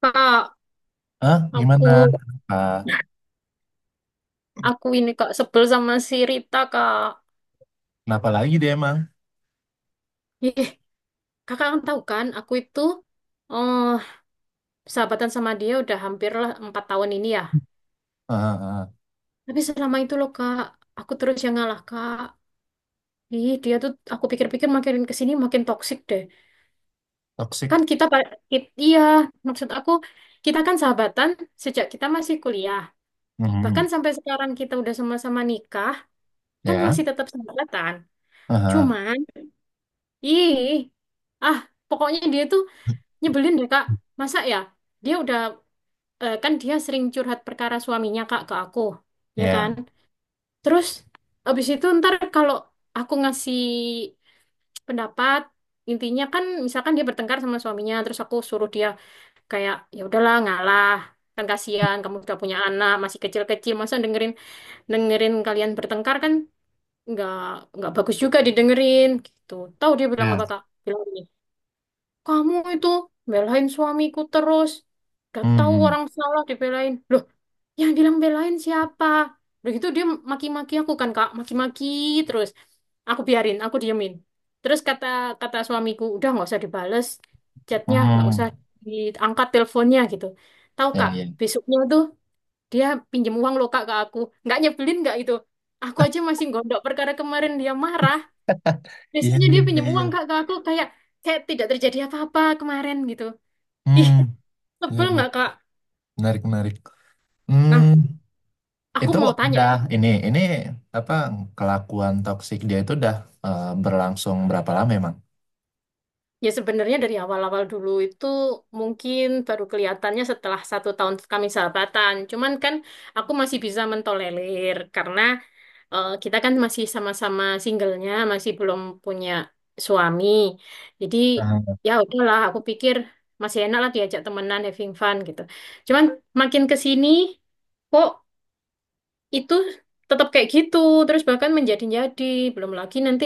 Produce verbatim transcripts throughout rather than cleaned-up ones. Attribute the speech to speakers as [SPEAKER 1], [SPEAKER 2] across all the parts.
[SPEAKER 1] Kak,
[SPEAKER 2] Hah?
[SPEAKER 1] aku
[SPEAKER 2] Gimana? Kenapa?
[SPEAKER 1] aku ini kak sebel sama si Rita kak.
[SPEAKER 2] Kenapa lagi dia emang?
[SPEAKER 1] Ih, kakak kan tahu kan, aku itu eh sahabatan sama dia udah hampir lah empat tahun ini ya.
[SPEAKER 2] Heeh, heeh.
[SPEAKER 1] Tapi selama itu loh kak, aku terus yang ngalah kak. Ih, dia tuh aku pikir-pikir makin kesini makin toksik deh.
[SPEAKER 2] Toxic.
[SPEAKER 1] Kan kita, pa- i- iya maksud aku kita kan sahabatan sejak kita masih kuliah. Bahkan
[SPEAKER 2] Mhm.
[SPEAKER 1] sampai sekarang kita udah sama-sama nikah, kan
[SPEAKER 2] Ya.
[SPEAKER 1] masih tetap sahabatan.
[SPEAKER 2] Heeh.
[SPEAKER 1] Cuman, ih, ah pokoknya dia tuh nyebelin deh Kak. Masa ya? Dia udah eh, kan dia sering curhat perkara suaminya Kak ke aku, ya kan?
[SPEAKER 2] Ya.
[SPEAKER 1] Terus abis itu ntar kalau aku ngasih pendapat, intinya kan misalkan dia bertengkar sama suaminya, terus aku suruh dia kayak ya udahlah ngalah. Kan kasihan kamu udah punya anak, masih kecil-kecil, masa dengerin dengerin kalian bertengkar kan nggak nggak bagus juga didengerin gitu. Tahu dia bilang
[SPEAKER 2] Ya,
[SPEAKER 1] apa Kak? Bilang gini, Kamu itu belain suamiku terus. Gak tahu
[SPEAKER 2] Hmm.
[SPEAKER 1] orang salah dibelain. Loh, yang bilang belain siapa? Begitu dia maki-maki aku kan, Kak. Maki-maki terus. Aku biarin, aku diemin. Terus kata kata suamiku, udah nggak usah dibales chatnya, nggak usah
[SPEAKER 2] Hmm.
[SPEAKER 1] diangkat teleponnya gitu. Tahu
[SPEAKER 2] Ya,
[SPEAKER 1] Kak,
[SPEAKER 2] ya.
[SPEAKER 1] besoknya tuh dia pinjem uang loh Kak ke aku. Nggak nyebelin nggak itu? Aku aja masih gondok perkara kemarin dia marah.
[SPEAKER 2] Iya,
[SPEAKER 1] Biasanya
[SPEAKER 2] iya,
[SPEAKER 1] dia
[SPEAKER 2] iya,
[SPEAKER 1] pinjem
[SPEAKER 2] iya.
[SPEAKER 1] uang Kak ke aku kayak kayak tidak terjadi apa-apa kemarin gitu. Ih,
[SPEAKER 2] Hmm. Iya,
[SPEAKER 1] tebel
[SPEAKER 2] iya.
[SPEAKER 1] nggak Kak?
[SPEAKER 2] Menarik, menarik. Hmm.
[SPEAKER 1] Nah, aku
[SPEAKER 2] Itu
[SPEAKER 1] mau tanya.
[SPEAKER 2] udah ini, ini apa kelakuan toksik dia itu udah eh, berlangsung berapa lama emang?
[SPEAKER 1] Ya sebenarnya dari awal-awal dulu itu mungkin baru kelihatannya setelah satu tahun kami sahabatan. Cuman kan aku masih bisa mentolerir karena eh, kita kan masih sama-sama singlenya, masih belum punya suami. Jadi
[SPEAKER 2] Ah,
[SPEAKER 1] ya udahlah, aku pikir masih enak lah diajak temenan having fun gitu. Cuman makin ke sini kok itu tetap kayak gitu terus, bahkan menjadi-jadi. Belum lagi nanti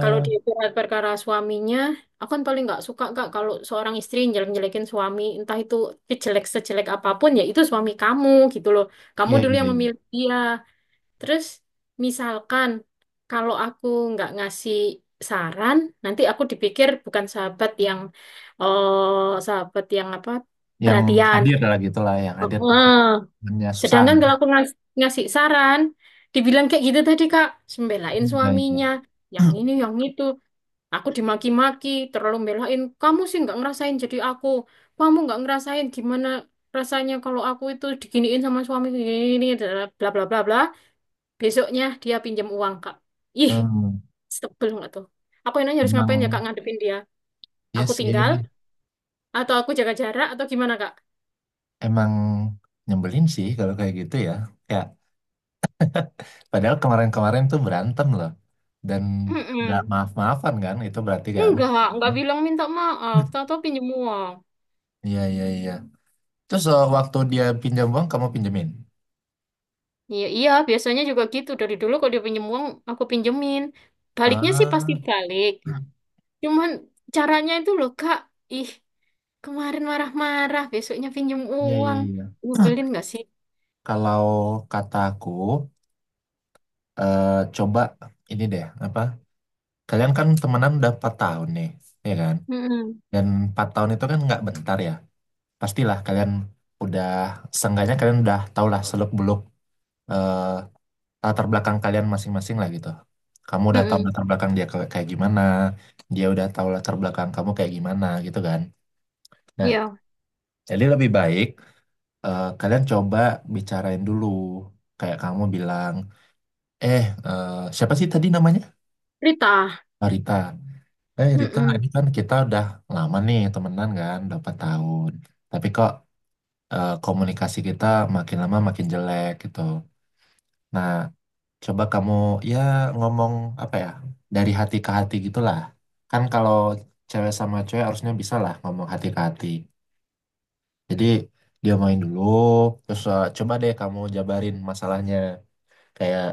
[SPEAKER 1] kalau di surat perkara suaminya, aku kan paling nggak suka kak kalau seorang istri jelek-jelekin suami, entah itu jelek sejelek apapun ya itu suami kamu gitu loh, kamu
[SPEAKER 2] iya,
[SPEAKER 1] dulu
[SPEAKER 2] iya,
[SPEAKER 1] yang
[SPEAKER 2] iya.
[SPEAKER 1] memilih dia. Terus misalkan kalau aku nggak ngasih saran, nanti aku dipikir bukan sahabat yang oh sahabat yang apa,
[SPEAKER 2] Yang
[SPEAKER 1] perhatian.
[SPEAKER 2] hadir lah gitulah, yang hadir di saatnya susah.
[SPEAKER 1] Sedangkan kalau aku ngas- ngasih saran, dibilang kayak gitu tadi Kak, sembelain
[SPEAKER 2] Hmm, Iya, iya.
[SPEAKER 1] suaminya, yang ini, yang itu. Aku dimaki-maki, terlalu belain. Kamu sih nggak ngerasain jadi aku. Kamu nggak ngerasain gimana rasanya kalau aku itu diginiin sama suami gini, bla bla bla bla. Besoknya dia pinjam uang Kak. Ih,
[SPEAKER 2] Hmm,
[SPEAKER 1] sebel nggak tuh? Aku enaknya harus ngapain ya Kak
[SPEAKER 2] emang
[SPEAKER 1] ngadepin dia?
[SPEAKER 2] ya
[SPEAKER 1] Aku
[SPEAKER 2] sih
[SPEAKER 1] tinggal atau aku jaga jarak atau gimana Kak?
[SPEAKER 2] emang nyebelin sih kalau kayak gitu ya. Ya, padahal kemarin-kemarin tuh berantem loh dan nggak
[SPEAKER 1] Mm-mm.
[SPEAKER 2] maaf-maafan kan itu berarti kan.
[SPEAKER 1] Enggak, enggak bilang minta maaf, tahu-tahu pinjam uang.
[SPEAKER 2] Iya, iya, iya. Terus eh, waktu dia pinjam uang kamu pinjemin.
[SPEAKER 1] Iya, iya, biasanya juga gitu. Dari dulu kalau dia pinjem uang, aku pinjemin. Baliknya sih pasti
[SPEAKER 2] Ah,
[SPEAKER 1] balik. Cuman caranya itu loh, Kak. Ih, kemarin marah-marah, besoknya pinjem
[SPEAKER 2] iya, iya,
[SPEAKER 1] uang.
[SPEAKER 2] iya.
[SPEAKER 1] Nyebelin nggak sih?
[SPEAKER 2] Kalau kataku eh, coba ini deh apa? Kalian kan temenan udah empat tahun nih, ya kan?
[SPEAKER 1] Mm-mm.
[SPEAKER 2] Dan empat tahun itu kan nggak bentar ya. Pastilah kalian udah seenggaknya kalian udah tau lah seluk beluk latar belakang kalian masing-masing lah gitu. Kamu udah tahu
[SPEAKER 1] Mm-mm.
[SPEAKER 2] latar belakang dia kayak kayak gimana, dia udah tahu latar belakang kamu kayak gimana gitu kan. Nah,
[SPEAKER 1] Iya.
[SPEAKER 2] jadi lebih baik eh, kalian coba bicarain dulu. Kayak kamu bilang, eh eh, siapa sih tadi namanya?
[SPEAKER 1] Rita.
[SPEAKER 2] Oh, Rita. Eh Rita,
[SPEAKER 1] Mm-mm.
[SPEAKER 2] ini kan kita udah lama nih temenan kan, udah empat tahun. Tapi kok eh, komunikasi kita makin lama makin jelek gitu. Nah, coba kamu ya ngomong apa ya dari hati ke hati gitulah. Kan kalau cewek sama cewek harusnya bisa lah ngomong hati ke hati. Jadi dia main dulu, terus eh, coba deh kamu jabarin masalahnya. Kayak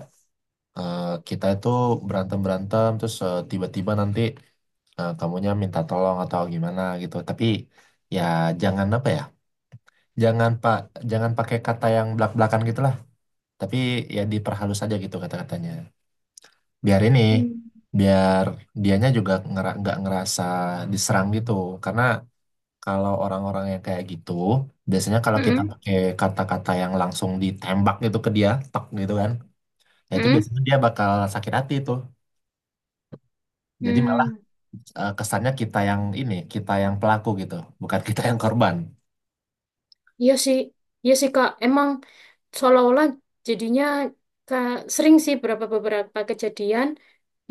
[SPEAKER 2] eh, kita itu berantem berantem, terus eh, tiba-tiba nanti eh, kamunya minta tolong atau gimana gitu. Tapi ya jangan apa ya, jangan pak, jangan pakai kata yang belak-belakan gitulah. Tapi ya diperhalus aja gitu kata-katanya. Biar ini
[SPEAKER 1] Mm.
[SPEAKER 2] biar dianya juga ngera- nggak ngerasa diserang gitu karena kalau orang-orang yang kayak gitu biasanya kalau kita Hmm.
[SPEAKER 1] Mm-mm.
[SPEAKER 2] pakai kata-kata yang langsung ditembak gitu ke dia tek gitu kan ya itu
[SPEAKER 1] Mm-mm.
[SPEAKER 2] biasanya dia bakal sakit hati tuh jadi malah
[SPEAKER 1] Mm.
[SPEAKER 2] eh, kesannya kita yang ini kita yang pelaku gitu bukan kita yang korban.
[SPEAKER 1] Iya sih, iya sih Kak. Emang seolah-olah jadinya Kak, sering sih beberapa beberapa kejadian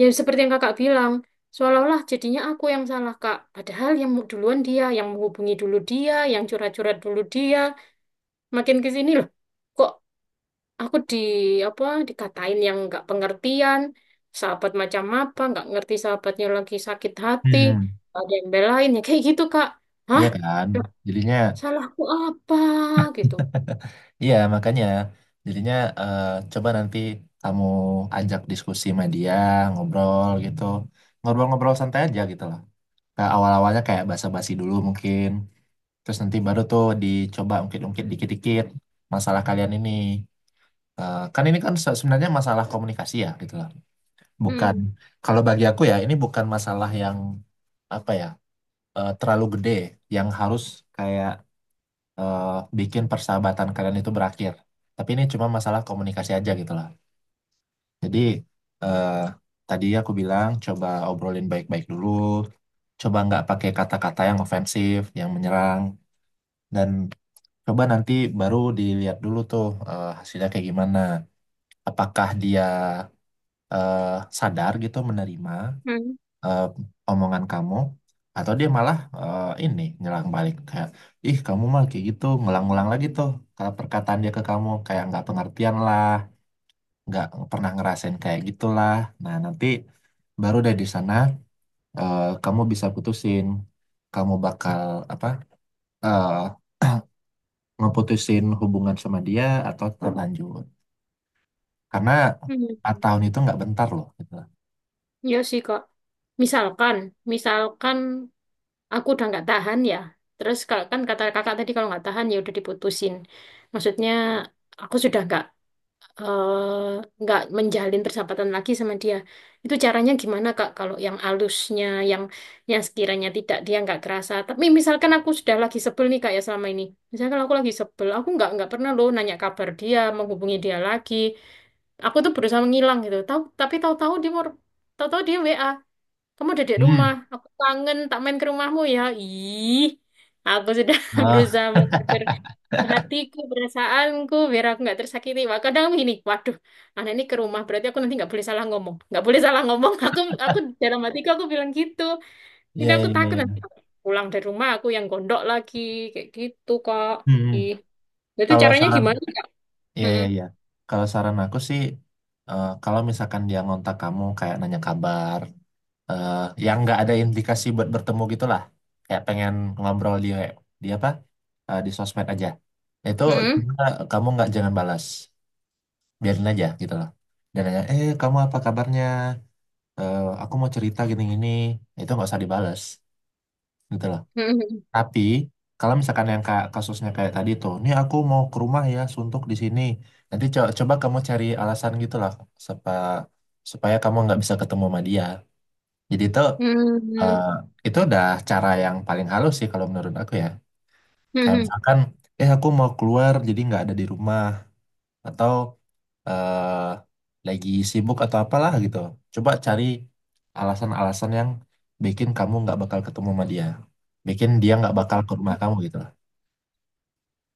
[SPEAKER 1] yang seperti yang Kakak bilang, seolah-olah jadinya aku yang salah Kak. Padahal yang mu- duluan dia, yang menghubungi dulu dia, yang curhat-curhat dulu dia. Makin ke sini loh, kok aku di apa dikatain yang nggak pengertian, sahabat macam apa, nggak ngerti sahabatnya lagi sakit hati,
[SPEAKER 2] Hmm.
[SPEAKER 1] nggak ada yang belain ya kayak gitu Kak. Hah?
[SPEAKER 2] Iya kan
[SPEAKER 1] Loh,
[SPEAKER 2] jadinya
[SPEAKER 1] salahku apa gitu?
[SPEAKER 2] iya, makanya jadinya eh, coba nanti kamu ajak diskusi sama dia, ngobrol gitu. Ngobrol-ngobrol santai aja gitu loh. Kayak awal-awalnya kayak basa-basi dulu mungkin. Terus nanti baru tuh dicoba ungkit-ungkit dikit-dikit masalah kalian ini. Eh, kan ini kan se- sebenarnya masalah komunikasi ya gitu loh. Bukan,
[SPEAKER 1] Mm.
[SPEAKER 2] kalau bagi aku ya ini bukan masalah yang apa ya, eh, terlalu gede yang harus kayak eh, bikin persahabatan kalian itu berakhir. Tapi ini cuma masalah komunikasi aja gitu lah. Jadi eh, tadi aku bilang coba obrolin baik-baik dulu, coba nggak pakai kata-kata yang ofensif, yang menyerang, dan coba nanti baru dilihat dulu tuh eh, hasilnya kayak gimana. Apakah dia eh, sadar gitu menerima
[SPEAKER 1] Hmm.
[SPEAKER 2] eh, omongan kamu atau dia malah eh, ini nyelang balik kayak ih kamu mah kayak gitu ngulang-ngulang lagi tuh kalau perkataan dia ke kamu kayak nggak pengertian lah nggak pernah ngerasain kayak gitulah nah nanti baru dari di sana eh, kamu bisa putusin kamu bakal apa eh, ngeputusin hubungan sama dia atau tetap lanjut karena empat
[SPEAKER 1] Hmm.
[SPEAKER 2] tahun itu nggak bentar loh gitu.
[SPEAKER 1] Ya sih kok. Misalkan, misalkan aku udah nggak tahan ya. Terus kalau kan kata kakak tadi kalau nggak tahan ya udah diputusin. Maksudnya aku sudah nggak eh, nggak menjalin persahabatan lagi sama dia. Itu caranya gimana Kak? Kalau yang alusnya, yang yang sekiranya tidak dia nggak kerasa. Tapi misalkan aku sudah lagi sebel nih Kak ya selama ini. Misalkan aku lagi sebel, aku nggak nggak pernah loh nanya kabar dia, menghubungi dia lagi. Aku tuh berusaha menghilang gitu. Tahu tapi tahu-tahu dia mau tahu-tahu dia W A. Kamu udah di rumah,
[SPEAKER 2] Hmm.
[SPEAKER 1] aku kangen, tak main ke rumahmu ya. Ih, aku sudah
[SPEAKER 2] Eh,
[SPEAKER 1] berusaha hatiku, perasaanku, biar aku nggak tersakiti. Wah, kadang gini, waduh, anak ini ke rumah, berarti aku nanti nggak boleh salah ngomong. Nggak boleh salah ngomong. Aku, aku dalam hatiku aku bilang gitu. Jadi
[SPEAKER 2] iya,
[SPEAKER 1] aku
[SPEAKER 2] iya,
[SPEAKER 1] takut nanti
[SPEAKER 2] iya.
[SPEAKER 1] pulang dari rumah aku yang gondok lagi, kayak gitu, Kak.
[SPEAKER 2] Hmm.
[SPEAKER 1] Ih, nah, itu
[SPEAKER 2] Kalau
[SPEAKER 1] caranya
[SPEAKER 2] saran
[SPEAKER 1] gimana, Kak?
[SPEAKER 2] iya,
[SPEAKER 1] Mm-mm.
[SPEAKER 2] iya, iya. Kalau saran aku sih, eh, kalau misalkan dia ngontak kamu kayak nanya kabar, eh, yang nggak ada implikasi buat bertemu gitulah, kayak pengen ngobrol dia, dia apa? eh, di sosmed aja. Itu
[SPEAKER 1] Mm-mm.
[SPEAKER 2] coba kamu nggak jangan balas, biarin aja gitu loh. Dan nanya, eh kamu apa kabarnya? Eh, aku mau cerita gini-gini. Itu nggak usah dibalas, gitu loh.
[SPEAKER 1] Mm-mm.
[SPEAKER 2] Tapi kalau misalkan yang ka- kasusnya kayak tadi tuh, ini aku mau ke rumah ya, suntuk di sini. Nanti co- coba kamu cari alasan gitu lah, sepa, supaya kamu nggak bisa ketemu sama dia. Jadi itu eh,
[SPEAKER 1] Mm-mm.
[SPEAKER 2] itu udah cara yang paling halus sih kalau menurut aku ya. Kayak
[SPEAKER 1] Mm-mm.
[SPEAKER 2] misalkan, eh aku mau keluar jadi nggak ada di rumah atau eh lagi sibuk atau apalah gitu. Coba cari alasan-alasan yang bikin kamu nggak bakal ketemu sama dia, bikin dia nggak bakal ke rumah kamu gitu.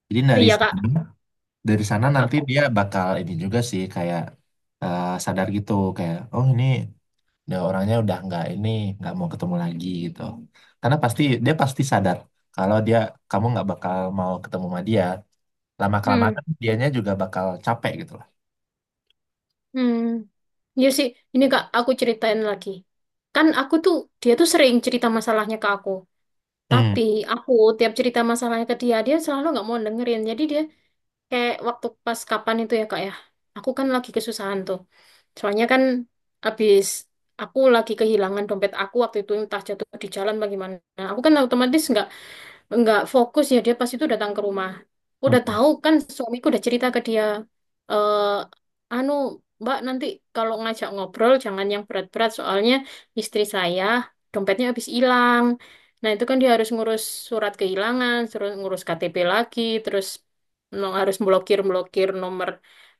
[SPEAKER 2] Jadi dari
[SPEAKER 1] Iya,
[SPEAKER 2] sana,
[SPEAKER 1] Kak.
[SPEAKER 2] dari sana nanti
[SPEAKER 1] Aku.
[SPEAKER 2] dia bakal ini juga sih kayak eh, sadar gitu kayak oh ini udah orangnya udah nggak ini nggak mau ketemu lagi gitu. Karena pasti dia pasti sadar kalau dia kamu nggak bakal mau ketemu sama dia. Lama
[SPEAKER 1] Hmm.
[SPEAKER 2] kelamaan dianya juga bakal capek gitu lah.
[SPEAKER 1] Hmm. Iya sih, ini Kak, aku ceritain lagi. Kan aku tuh, dia tuh sering cerita masalahnya ke aku.
[SPEAKER 2] Hmm.
[SPEAKER 1] Tapi aku tiap cerita masalahnya ke dia, dia selalu nggak mau dengerin. Jadi dia kayak waktu pas kapan itu ya kak ya, aku kan lagi kesusahan tuh. Soalnya kan abis aku lagi kehilangan dompet aku waktu itu entah jatuh di jalan bagaimana. Aku kan otomatis nggak nggak fokus ya dia pas itu datang ke rumah.
[SPEAKER 2] Hmm.
[SPEAKER 1] Udah tahu kan suamiku udah cerita ke dia, eh anu Mbak nanti kalau ngajak ngobrol jangan yang berat-berat soalnya istri saya dompetnya habis hilang. Nah itu kan dia harus ngurus surat kehilangan, terus ngurus K T P lagi, terus no- harus blokir-blokir nomor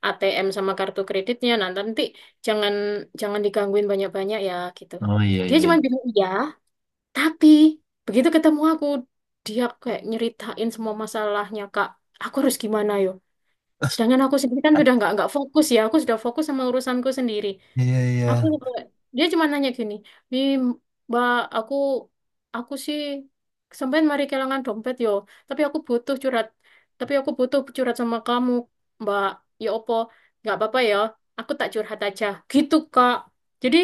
[SPEAKER 1] A T M sama kartu kreditnya. Nah nanti jangan jangan digangguin banyak-banyak ya gitu.
[SPEAKER 2] Oh iya,
[SPEAKER 1] Dia
[SPEAKER 2] iya,
[SPEAKER 1] cuma
[SPEAKER 2] iya.
[SPEAKER 1] bilang iya, tapi begitu ketemu aku, dia kayak nyeritain semua masalahnya, Kak. Aku harus gimana yo? Sedangkan aku sendiri kan sudah nggak nggak fokus ya. Aku sudah fokus sama urusanku sendiri.
[SPEAKER 2] Iya, iya.
[SPEAKER 1] Aku dia cuma nanya gini, "Wi, Mbak, aku aku sih sampean mari kehilangan dompet yo, tapi aku butuh curhat. Tapi aku butuh curhat sama kamu, Mbak. Ya opo, nggak apa-apa ya. Aku tak curhat aja." Gitu, Kak. Jadi,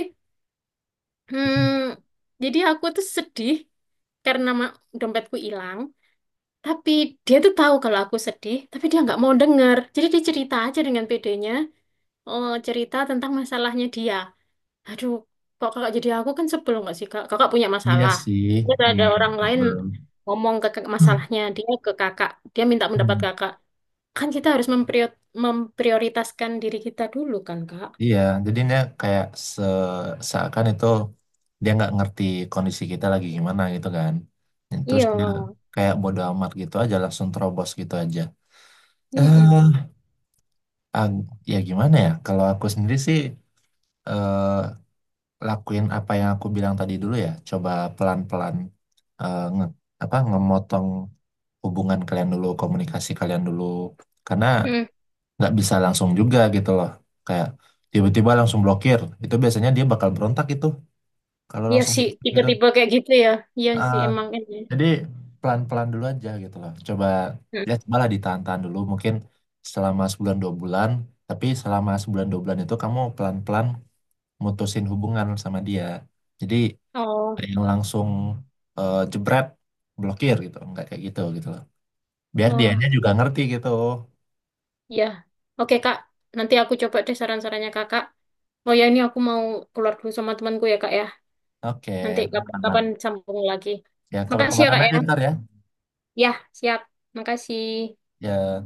[SPEAKER 1] hmm, jadi aku tuh sedih karena ma- dompetku hilang. Tapi dia tuh tahu kalau aku sedih, tapi dia nggak mau denger. Jadi dia cerita aja dengan pedenya, oh, cerita tentang masalahnya dia. Aduh, kok kakak jadi aku kan sebel nggak sih kak? Kakak punya
[SPEAKER 2] Iya
[SPEAKER 1] masalah.
[SPEAKER 2] sih.
[SPEAKER 1] Terus ada
[SPEAKER 2] Hmm,
[SPEAKER 1] orang lain
[SPEAKER 2] sebelum.
[SPEAKER 1] ngomong ke ke- masalahnya dia ke kakak, dia minta pendapat kakak. Kan kita harus memprior- memprioritaskan diri kita dulu kan kak?
[SPEAKER 2] Iya, jadi dia kayak se seakan itu dia nggak ngerti kondisi kita lagi gimana gitu kan. Dan terus
[SPEAKER 1] Iya.
[SPEAKER 2] dia kayak bodo amat gitu aja langsung terobos gitu aja.
[SPEAKER 1] Mm-mm.
[SPEAKER 2] Eh, ag- ya gimana ya? Kalau aku sendiri sih eh, lakuin apa yang aku bilang tadi dulu ya. Coba pelan-pelan eh, nge apa ngemotong hubungan kalian dulu, komunikasi kalian dulu. Karena
[SPEAKER 1] Mm.
[SPEAKER 2] nggak bisa langsung juga gitu loh. Kayak tiba-tiba langsung blokir. Itu biasanya dia bakal berontak itu. Kalau
[SPEAKER 1] Iya
[SPEAKER 2] langsung
[SPEAKER 1] sih,
[SPEAKER 2] gitu.
[SPEAKER 1] tiba-tiba kayak gitu ya. Iya sih,
[SPEAKER 2] Ah,
[SPEAKER 1] emang ini.
[SPEAKER 2] jadi pelan-pelan dulu aja gitu loh. Coba
[SPEAKER 1] Mm.
[SPEAKER 2] ya malah ditahan-tahan dulu mungkin selama sebulan dua bulan. Tapi selama sebulan dua bulan itu kamu pelan-pelan mutusin hubungan sama dia. Jadi
[SPEAKER 1] Oh.
[SPEAKER 2] nggak yang langsung eh, jebret blokir gitu. Nggak kayak gitu gitu loh. Biar
[SPEAKER 1] Oh.
[SPEAKER 2] dianya juga ngerti gitu.
[SPEAKER 1] Ya, oke Kak. Nanti aku coba deh saran-sarannya Kakak. Oh ya, ini aku mau keluar dulu sama temanku ya Kak ya.
[SPEAKER 2] Oke,
[SPEAKER 1] Nanti kap-
[SPEAKER 2] aman-aman.
[SPEAKER 1] kapan sambung lagi.
[SPEAKER 2] Ya
[SPEAKER 1] Makasih ya
[SPEAKER 2] kabar-kabaran
[SPEAKER 1] Kak ya.
[SPEAKER 2] aja ntar ya.
[SPEAKER 1] Ya, siap. Makasih.
[SPEAKER 2] Ya.